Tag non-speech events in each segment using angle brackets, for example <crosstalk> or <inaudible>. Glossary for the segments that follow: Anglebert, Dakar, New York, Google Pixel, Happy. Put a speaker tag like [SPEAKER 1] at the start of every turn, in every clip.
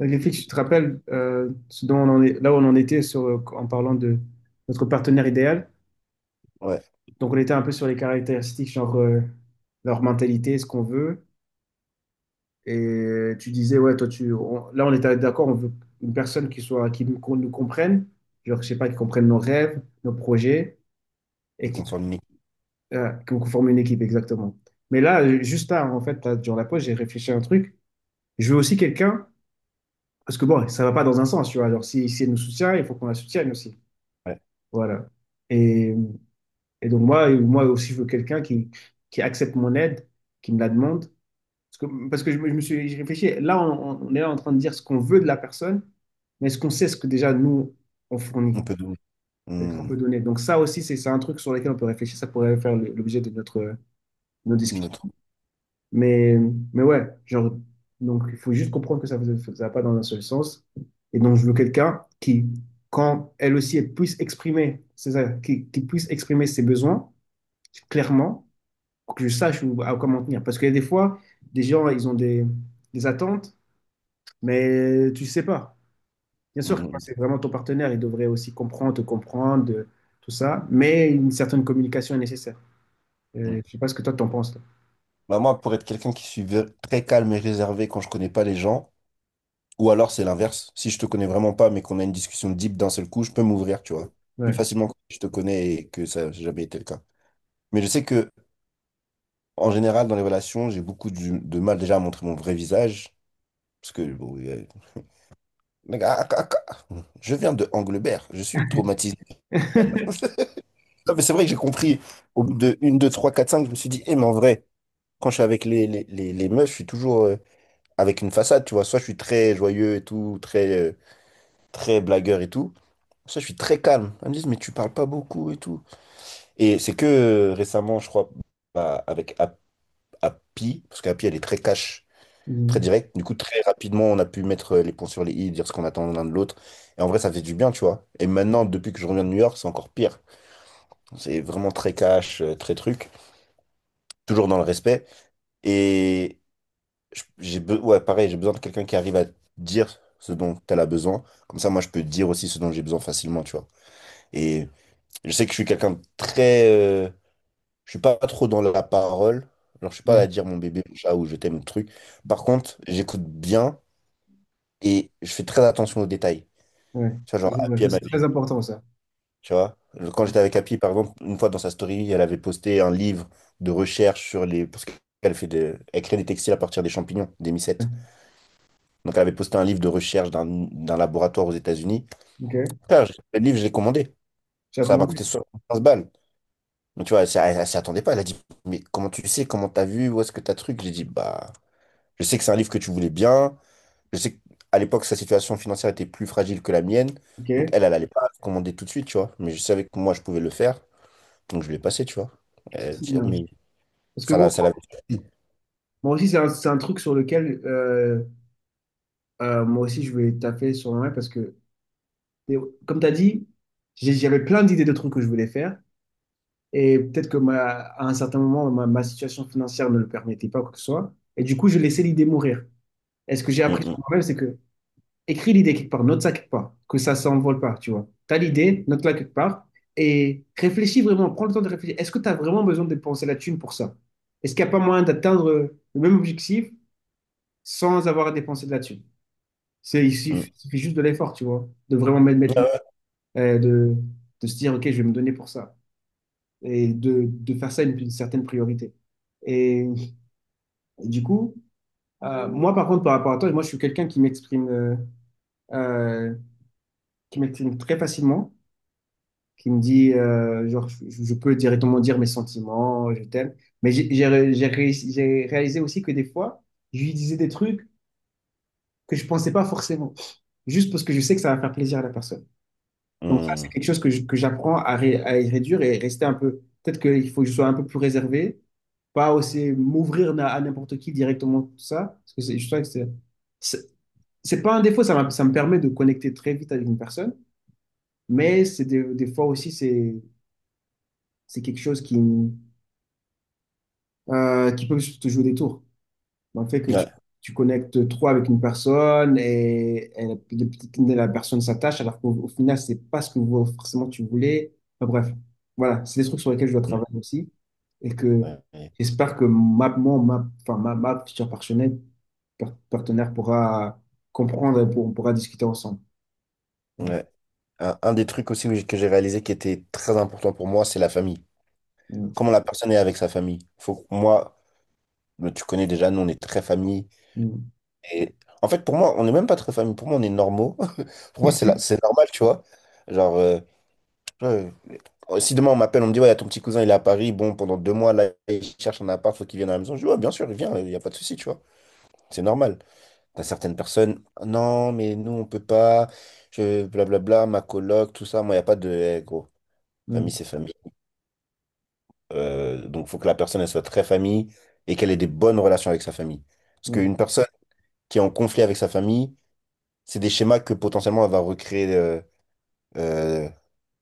[SPEAKER 1] Griffith, tu te rappelles ce dont on en est, là où on en était sur, en parlant de notre partenaire idéal.
[SPEAKER 2] Ouais,
[SPEAKER 1] Donc, on était un peu sur les caractéristiques, genre leur mentalité, ce qu'on veut. Et tu disais, ouais, toi, là, on était d'accord, on veut une personne qui soit, qui nous, qu'on nous comprenne, genre, je sais pas, qui comprenne nos rêves, nos projets,
[SPEAKER 2] et
[SPEAKER 1] et qui,
[SPEAKER 2] qu'on forme une équipe.
[SPEAKER 1] qu'on forme une équipe, exactement. Mais là, juste là, en fait, là, durant la pause, j'ai réfléchi à un truc. Je veux aussi quelqu'un, parce que bon, ça va pas dans un sens, tu vois. Alors, si elle nous soutient, il faut qu'on la soutienne aussi.
[SPEAKER 2] Ouais.
[SPEAKER 1] Voilà. Et, et donc moi aussi, je veux quelqu'un qui accepte mon aide, qui me la demande. Parce que je me suis j'ai réfléchi. Là, on est là en train de dire ce qu'on veut de la personne, mais est-ce qu'on sait ce que déjà nous, on fournit,
[SPEAKER 2] On peut donner
[SPEAKER 1] ce qu'on
[SPEAKER 2] mm,
[SPEAKER 1] peut donner. Donc ça aussi, c'est un truc sur lequel on peut réfléchir. Ça pourrait faire l'objet de nos
[SPEAKER 2] une
[SPEAKER 1] discussions.
[SPEAKER 2] autre.
[SPEAKER 1] Mais, mais ouais, genre, donc il faut juste comprendre que ça ne va pas dans un seul sens. Et donc, je veux quelqu'un quand elle aussi, elle puisse exprimer, c'est ça, qui puisse exprimer ses besoins clairement pour que je sache où, à quoi m'en tenir. Parce que des fois, des gens, ils ont des attentes, mais tu ne sais pas. Bien
[SPEAKER 2] Mm,
[SPEAKER 1] sûr que quand
[SPEAKER 2] mm,
[SPEAKER 1] c'est vraiment ton partenaire, il devrait aussi comprendre, te comprendre, tout ça, mais une certaine communication est nécessaire. Je
[SPEAKER 2] mm.
[SPEAKER 1] ne sais pas ce que toi, t'en penses. Toi.
[SPEAKER 2] Bah, moi, pour être quelqu'un qui suis très calme et réservé quand je connais pas les gens, ou alors c'est l'inverse. Si je te connais vraiment pas, mais qu'on a une discussion deep d'un seul coup, je peux m'ouvrir, tu vois. Plus
[SPEAKER 1] Ouais.
[SPEAKER 2] facilement que si je te connais et que ça n'a jamais été le cas. Mais je sais que, en général, dans les relations, j'ai beaucoup de mal déjà à montrer mon vrai visage. Parce que, bon, mec, ah, ah, ah, ah. Je viens de Anglebert, je suis traumatisé. <laughs>
[SPEAKER 1] <laughs>
[SPEAKER 2] Non, mais c'est vrai que j'ai compris. Au bout de 1, 2 3 4 cinq, je me suis dit, eh, mais en vrai, quand je suis avec les meufs, je suis toujours avec une façade, tu vois. Soit je suis très joyeux et tout, très, très blagueur et tout. Soit je suis très calme. Elles me disent, mais tu parles pas beaucoup et tout. Et c'est que récemment, je crois, bah, avec Happy, parce qu'Happy, elle est très cash, très
[SPEAKER 1] Mhm.
[SPEAKER 2] directe. Du coup, très rapidement, on a pu mettre les ponts sur les i, dire ce qu'on attend l'un de l'autre. Et en vrai, ça fait du bien, tu vois. Et maintenant, depuis que je reviens de New York, c'est encore pire. C'est vraiment très cash, très truc, toujours dans le respect. et ouais, pareil, j'ai besoin de quelqu'un qui arrive à dire ce dont elle a besoin. Comme ça, moi, je peux dire aussi ce dont j'ai besoin facilement, tu vois. Et je sais que je suis quelqu'un de très... je suis pas trop dans la parole. Alors, je suis pas
[SPEAKER 1] Ouais,
[SPEAKER 2] à dire mon bébé, mon chat ou je t'aime, le truc. Par contre, j'écoute bien et je fais très attention aux détails.
[SPEAKER 1] ouais.
[SPEAKER 2] Tu vois,
[SPEAKER 1] Ça,
[SPEAKER 2] genre,
[SPEAKER 1] c'est vrai
[SPEAKER 2] Happy,
[SPEAKER 1] ça,
[SPEAKER 2] elle
[SPEAKER 1] c'est
[SPEAKER 2] m'avait...
[SPEAKER 1] très important, ça.
[SPEAKER 2] Tu vois, quand j'étais avec Happy, par exemple, une fois dans sa story, elle avait posté un livre de recherche sur les... Parce qu'elle fait des... Elle crée des textiles à partir des champignons, des
[SPEAKER 1] Ouais.
[SPEAKER 2] mycètes. Donc, elle avait posté un livre de recherche d'un laboratoire aux États-Unis.
[SPEAKER 1] Ok,
[SPEAKER 2] Frère, le livre, je l'ai commandé.
[SPEAKER 1] tu as
[SPEAKER 2] Ça m'a coûté
[SPEAKER 1] commandé.
[SPEAKER 2] 75 balles. Donc, tu vois, elle s'y attendait pas. Elle a dit, mais comment tu sais, comment t'as vu, où est-ce que t'as truc? J'ai dit, bah, je sais que c'est un livre que tu voulais bien. Je sais qu'à l'époque, sa situation financière était plus fragile que la mienne.
[SPEAKER 1] Ok,
[SPEAKER 2] Donc, elle, elle allait pas commander tout de suite, tu vois. Mais je savais que moi, je pouvais le faire. Donc, je l'ai passé, tu vois.
[SPEAKER 1] ça,
[SPEAKER 2] Elle
[SPEAKER 1] c'est
[SPEAKER 2] dit,
[SPEAKER 1] bien.
[SPEAKER 2] mais
[SPEAKER 1] Parce que
[SPEAKER 2] ça
[SPEAKER 1] bon,
[SPEAKER 2] l'a, ça l'avait.
[SPEAKER 1] moi aussi, c'est un truc sur lequel moi aussi, je vais taper sur moi. Parce que Et comme tu as dit, j'avais plein d'idées de trucs que je voulais faire. Et peut-être que à un certain moment, ma situation financière ne le permettait pas, quoi que ce soit. Et du coup, je laissais l'idée mourir. Et ce que j'ai appris
[SPEAKER 2] Mm,
[SPEAKER 1] sur moi-même, c'est que écris l'idée quelque part, note ça quelque part, que ça ne s'envole pas, tu vois. Tu as l'idée, note-la quelque part. Et réfléchis vraiment, prends le temps de réfléchir. Est-ce que tu as vraiment besoin de dépenser la thune pour ça? Est-ce qu'il n'y a pas moyen d'atteindre le même objectif sans avoir à dépenser de la thune? Il
[SPEAKER 2] mm,
[SPEAKER 1] suffit
[SPEAKER 2] mm.
[SPEAKER 1] il suffit juste de l'effort, tu vois, de vraiment mettre
[SPEAKER 2] Ouais.
[SPEAKER 1] euh, de, de se dire, OK, je vais me donner pour ça, et de faire ça une certaine priorité. Et, et du coup, moi, par contre, par rapport à toi, moi, je suis quelqu'un euh, qui m'exprime très facilement, qui me dit, genre, je peux directement dire mes sentiments, je t'aime. Mais j'ai ré- j'ai réussi- j'ai réalisé aussi que des fois, je lui disais des trucs que je pensais pas forcément, juste parce que je sais que ça va faire plaisir à la personne. Donc ça, c'est
[SPEAKER 2] Hum.
[SPEAKER 1] quelque chose que j'apprends à y réduire et rester un peu. Peut-être qu'il faut que je sois un peu plus réservé, pas aussi m'ouvrir à n'importe qui directement, tout ça. Parce que je trouve que c'est c'est pas un défaut, ça, ça me permet de connecter très vite avec une personne, mais c'est des fois aussi, c'est quelque chose qui peut te jouer des tours. Le fait que tu,
[SPEAKER 2] Ouais.
[SPEAKER 1] tu connectes trop avec une personne et la personne s'attache, alors qu'au final, c'est pas ce que forcément tu voulais. Enfin, bref, voilà, c'est des trucs sur lesquels je dois
[SPEAKER 2] Mm.
[SPEAKER 1] travailler aussi. Et que
[SPEAKER 2] Ouais. Ouais.
[SPEAKER 1] j'espère que ma, mon, ma, enfin, ma future partenaire pourra comprendre et on pourra discuter ensemble. Ouais,
[SPEAKER 2] Ouais. Un des trucs aussi où que j'ai réalisé qui était très important pour moi, c'est la famille.
[SPEAKER 1] ouais,
[SPEAKER 2] Comment la personne est avec sa famille. Faut que moi, mais tu connais déjà, nous, on est très famille. Et en fait, pour moi, on n'est même pas très famille. Pour moi, on est normaux. <laughs> Pour moi, c'est normal, tu vois. Genre, ouais, si demain on m'appelle, on me dit, ouais, y a ton petit cousin, il est à Paris. Bon, pendant 2 mois, là, il cherche un appart, faut qu'il vienne à la maison. Je dis, ouais, bien sûr, il vient, il n'y a pas de souci, tu vois. C'est normal. T'as certaines personnes, non, mais nous, on peut pas. Blablabla, ma coloc, tout ça. Moi, il n'y a pas de, eh, gros,
[SPEAKER 1] ouais,
[SPEAKER 2] famille, c'est famille. Donc, il faut que la personne elle soit très famille et qu'elle ait des bonnes relations avec sa famille. Parce
[SPEAKER 1] ouais,
[SPEAKER 2] qu'une personne qui est en conflit avec sa famille, c'est des schémas que potentiellement elle va recréer, euh,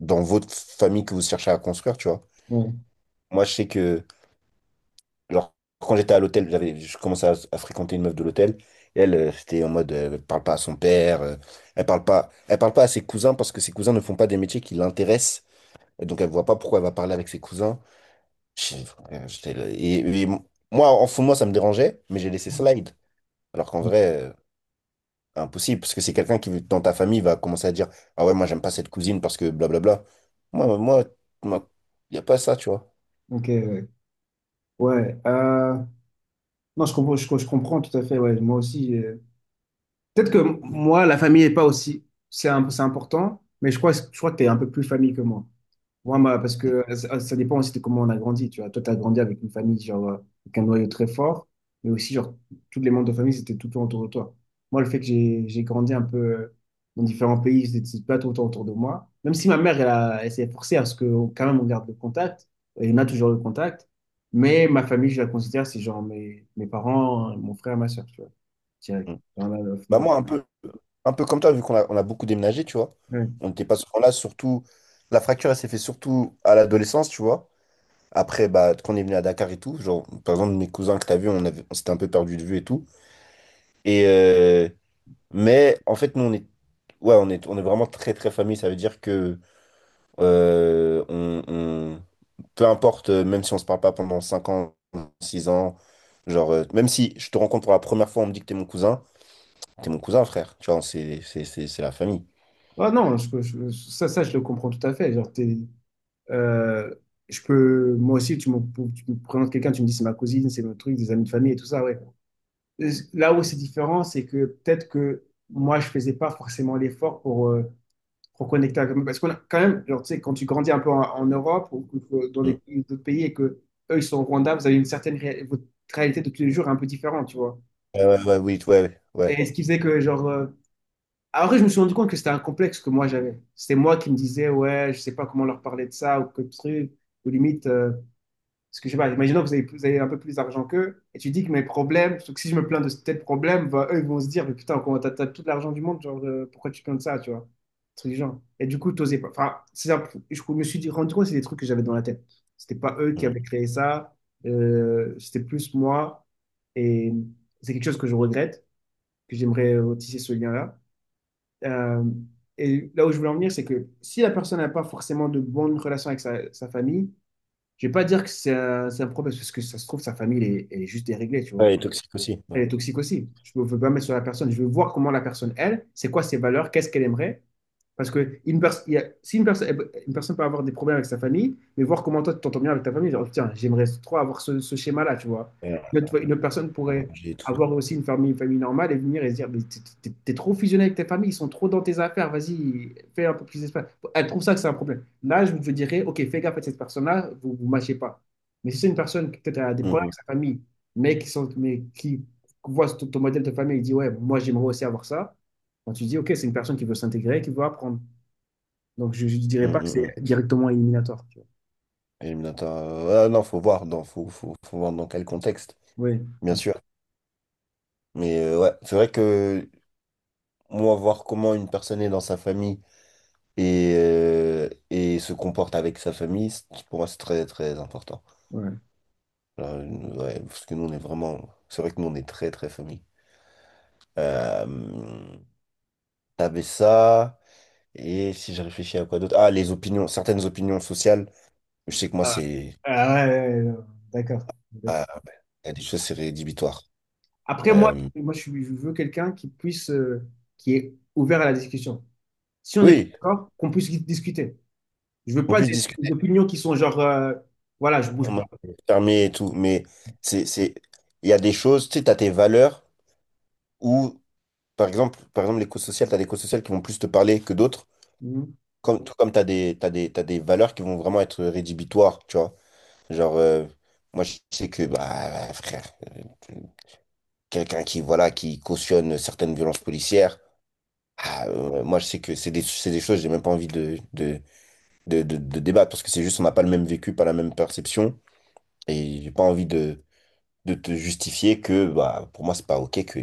[SPEAKER 2] dans votre famille que vous cherchez à construire, tu vois.
[SPEAKER 1] ouais,
[SPEAKER 2] Moi, je sais que, genre, quand j'étais à l'hôtel, j'avais, je commençais à fréquenter une meuf de l'hôtel. Et elle c'était en mode, elle parle pas à son père, elle parle pas à ses cousins parce que ses cousins ne font pas des métiers qui l'intéressent. Et donc, elle voit pas pourquoi elle va parler avec ses cousins. Frère, et moi, en fond, moi, ça me dérangeait, mais j'ai laissé slide. Alors qu'en
[SPEAKER 1] ouais.
[SPEAKER 2] vrai, impossible, parce que c'est quelqu'un qui, dans ta famille, va commencer à dire, ah ouais, moi, j'aime pas cette cousine parce que blablabla. Moi, moi, moi, y a pas ça, tu vois.
[SPEAKER 1] Ok, ouais. Ouais, non, je comprends, je comprends tout à fait. Ouais, moi aussi. Peut-être que moi, la famille n'est pas aussi. C'est important, mais je crois que tu es un peu plus famille que moi. Moi, parce que ça dépend aussi de comment on a grandi. Tu vois, toi, tu as grandi avec une famille, genre, avec un noyau très fort, mais aussi, genre, tous les membres de famille, c'était tout le temps autour de toi. Moi, le fait que j'ai grandi un peu dans différents pays, c'était pas tout le temps autour de moi. Même si ma mère, elle, elle s'est forcée à ce que, quand même, on garde le contact, et on a toujours le contact, mais ma famille, je la considère, c'est genre mes parents, mon frère, ma soeur, tu vois, direct.
[SPEAKER 2] Mm. Bah, moi, un peu comme toi, vu qu'on a beaucoup déménagé, tu vois. On n'était pas souvent là, surtout. La fracture, elle s'est fait surtout à l'adolescence, tu vois. Après, bah, quand on est venu à Dakar et tout, genre, par exemple, mes cousins que t'as vu, on s'était un peu perdu de vue et tout. Et, euh, Mais en fait, nous, ouais, on est vraiment très, très famille. Ça veut dire que euh, on, on- peu importe, même si on se parle pas pendant 5 ans, 6 ans, genre, même si je te rencontre pour la première fois, on me dit que t'es mon cousin, frère. Tu vois, c'est la famille.
[SPEAKER 1] Ah non, ça, je le comprends tout à fait. Genre, euh, je peux, moi aussi, tu me présentes quelqu'un, tu me dis c'est ma cousine, c'est mon truc, des amis de famille et tout ça, ouais. Là où c'est différent, c'est que peut-être que moi, je faisais pas forcément l'effort pour connecter avec eux. Parce qu'on a quand même, genre, tu sais, quand tu grandis un peu en Europe ou dans les
[SPEAKER 2] Mm.
[SPEAKER 1] d'autres pays et que eux, ils sont au Rwanda, vous avez votre réalité de tous les jours est un peu différente, tu vois.
[SPEAKER 2] Ouais, ouais, ouais, oui, ouais, ouais.
[SPEAKER 1] Et ce qui faisait que, genre, après, je me suis rendu compte que c'était un complexe que moi j'avais. C'était moi qui me disais, ouais, je sais pas comment leur parler de ça ou que truc, ou limite, parce que je sais pas, imaginons que vous avez un peu plus d'argent qu'eux, et tu dis que mes problèmes, sauf que si je me plains de tel problème, bah, eux ils vont se dire, mais putain, comment t'as tout l'argent du monde, genre, pourquoi tu te plains de ça, tu vois? Un truc du genre. Et du coup, t'osais pas. Enfin, je me suis rendu compte que c'est des trucs que j'avais dans la tête. C'était pas eux qui
[SPEAKER 2] Mm.
[SPEAKER 1] avaient créé ça, c'était plus moi, et c'est quelque chose que je regrette, que j'aimerais tisser ce lien-là. Euh, et là où je voulais en venir, c'est que si la personne n'a pas forcément de bonnes relations avec sa famille, je vais pas dire que c'est un problème, parce que ça se trouve, sa famille, elle est juste déréglée, tu vois.
[SPEAKER 2] Ouais, et toxique aussi. Ouais.
[SPEAKER 1] Elle est toxique aussi. Je ne veux pas mettre sur la personne. Je veux voir comment la personne, elle, c'est quoi ses valeurs, qu'est-ce qu'elle aimerait. Parce que une pers- il y a- si une, personne une personne peut avoir des problèmes avec sa famille, mais voir comment toi tu t'entends bien avec ta famille, genre, tiens, j'aimerais trop avoir ce schéma-là, tu vois.
[SPEAKER 2] Ouais,
[SPEAKER 1] Une autre personne
[SPEAKER 2] ouais,
[SPEAKER 1] pourrait
[SPEAKER 2] j'ai tout.
[SPEAKER 1] avoir aussi une famille normale et venir et se dire, mais t'es trop fusionné avec ta famille, ils sont trop dans tes affaires, vas-y, fais un peu plus d'espace. Elle trouve ça que c'est un problème. Là, je vous dirais, ok, fais gaffe à cette personne-là, vous vous mâchez pas. Mais si c'est une personne qui peut-être a des problèmes
[SPEAKER 2] Mm,
[SPEAKER 1] avec sa famille, mais qui voit ton modèle de famille et dit, ouais, moi j'aimerais aussi avoir ça, quand tu dis, ok, c'est une personne qui veut s'intégrer, qui veut apprendre. Donc, je ne
[SPEAKER 2] mm,
[SPEAKER 1] dirais pas
[SPEAKER 2] mm,
[SPEAKER 1] que
[SPEAKER 2] mm,
[SPEAKER 1] c'est
[SPEAKER 2] mm.
[SPEAKER 1] directement éliminatoire, tu vois.
[SPEAKER 2] Et je me dis, attends, ah non, faut voir, faut voir dans quel contexte,
[SPEAKER 1] Oui.
[SPEAKER 2] bien
[SPEAKER 1] Oui,
[SPEAKER 2] sûr. Mais ouais, c'est vrai que moi, voir comment une personne est dans sa famille et, et se comporte avec sa famille, pour moi, c'est très, très important.
[SPEAKER 1] ouais.
[SPEAKER 2] Alors, ouais, parce que nous, on est vraiment... C'est vrai que nous, on est très, très famille. Euh, t'avais ça, et si je réfléchis à quoi d'autre... Ah, les opinions, certaines opinions sociales. Je sais que moi,
[SPEAKER 1] Ah,
[SPEAKER 2] c'est...
[SPEAKER 1] ah ouais, ouais, ouais, ouais. D'accord. D'accord.
[SPEAKER 2] Ah, ben, il y a des choses, c'est rédhibitoire.
[SPEAKER 1] Après, moi,
[SPEAKER 2] Euh,
[SPEAKER 1] moi je veux quelqu'un qui est ouvert à la discussion. Si on n'est pas
[SPEAKER 2] oui,
[SPEAKER 1] d'accord, qu'on puisse discuter. Je veux
[SPEAKER 2] on
[SPEAKER 1] pas
[SPEAKER 2] puisse
[SPEAKER 1] des
[SPEAKER 2] discuter,
[SPEAKER 1] opinions qui sont genre, voilà, je
[SPEAKER 2] on
[SPEAKER 1] bouge pas.
[SPEAKER 2] m'a fermé et tout, mais c'est... c'est- il y a des choses, tu sais, t'as tes valeurs, où par exemple, l'éco-social, tu as des éco-sociales qui vont plus te parler que d'autres,
[SPEAKER 1] Mhm.
[SPEAKER 2] comme, tout comme tu as des, t'as des, t'as des valeurs qui vont vraiment être rédhibitoires, tu vois. Genre, moi, je sais que, bah, frère, quelqu'un qui, voilà, qui cautionne certaines violences policières, ah, moi, je sais que c'est des choses, j'ai même pas envie de débattre, parce que c'est juste, on n'a pas le même vécu, pas la même perception, et j'ai pas envie de te justifier que, bah, pour moi, c'est pas OK que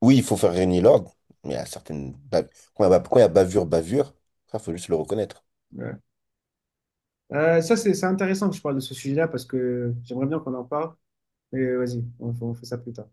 [SPEAKER 2] oui, il faut faire régner l'ordre, mais il y a quand il y a ba- quand il y a bavure, bavure, ça, faut juste le reconnaître.
[SPEAKER 1] Ouais. Ça, c'est intéressant que je parle de ce sujet-là parce que j'aimerais bien qu'on en parle. Mais vas-y, on fait ça plus tard.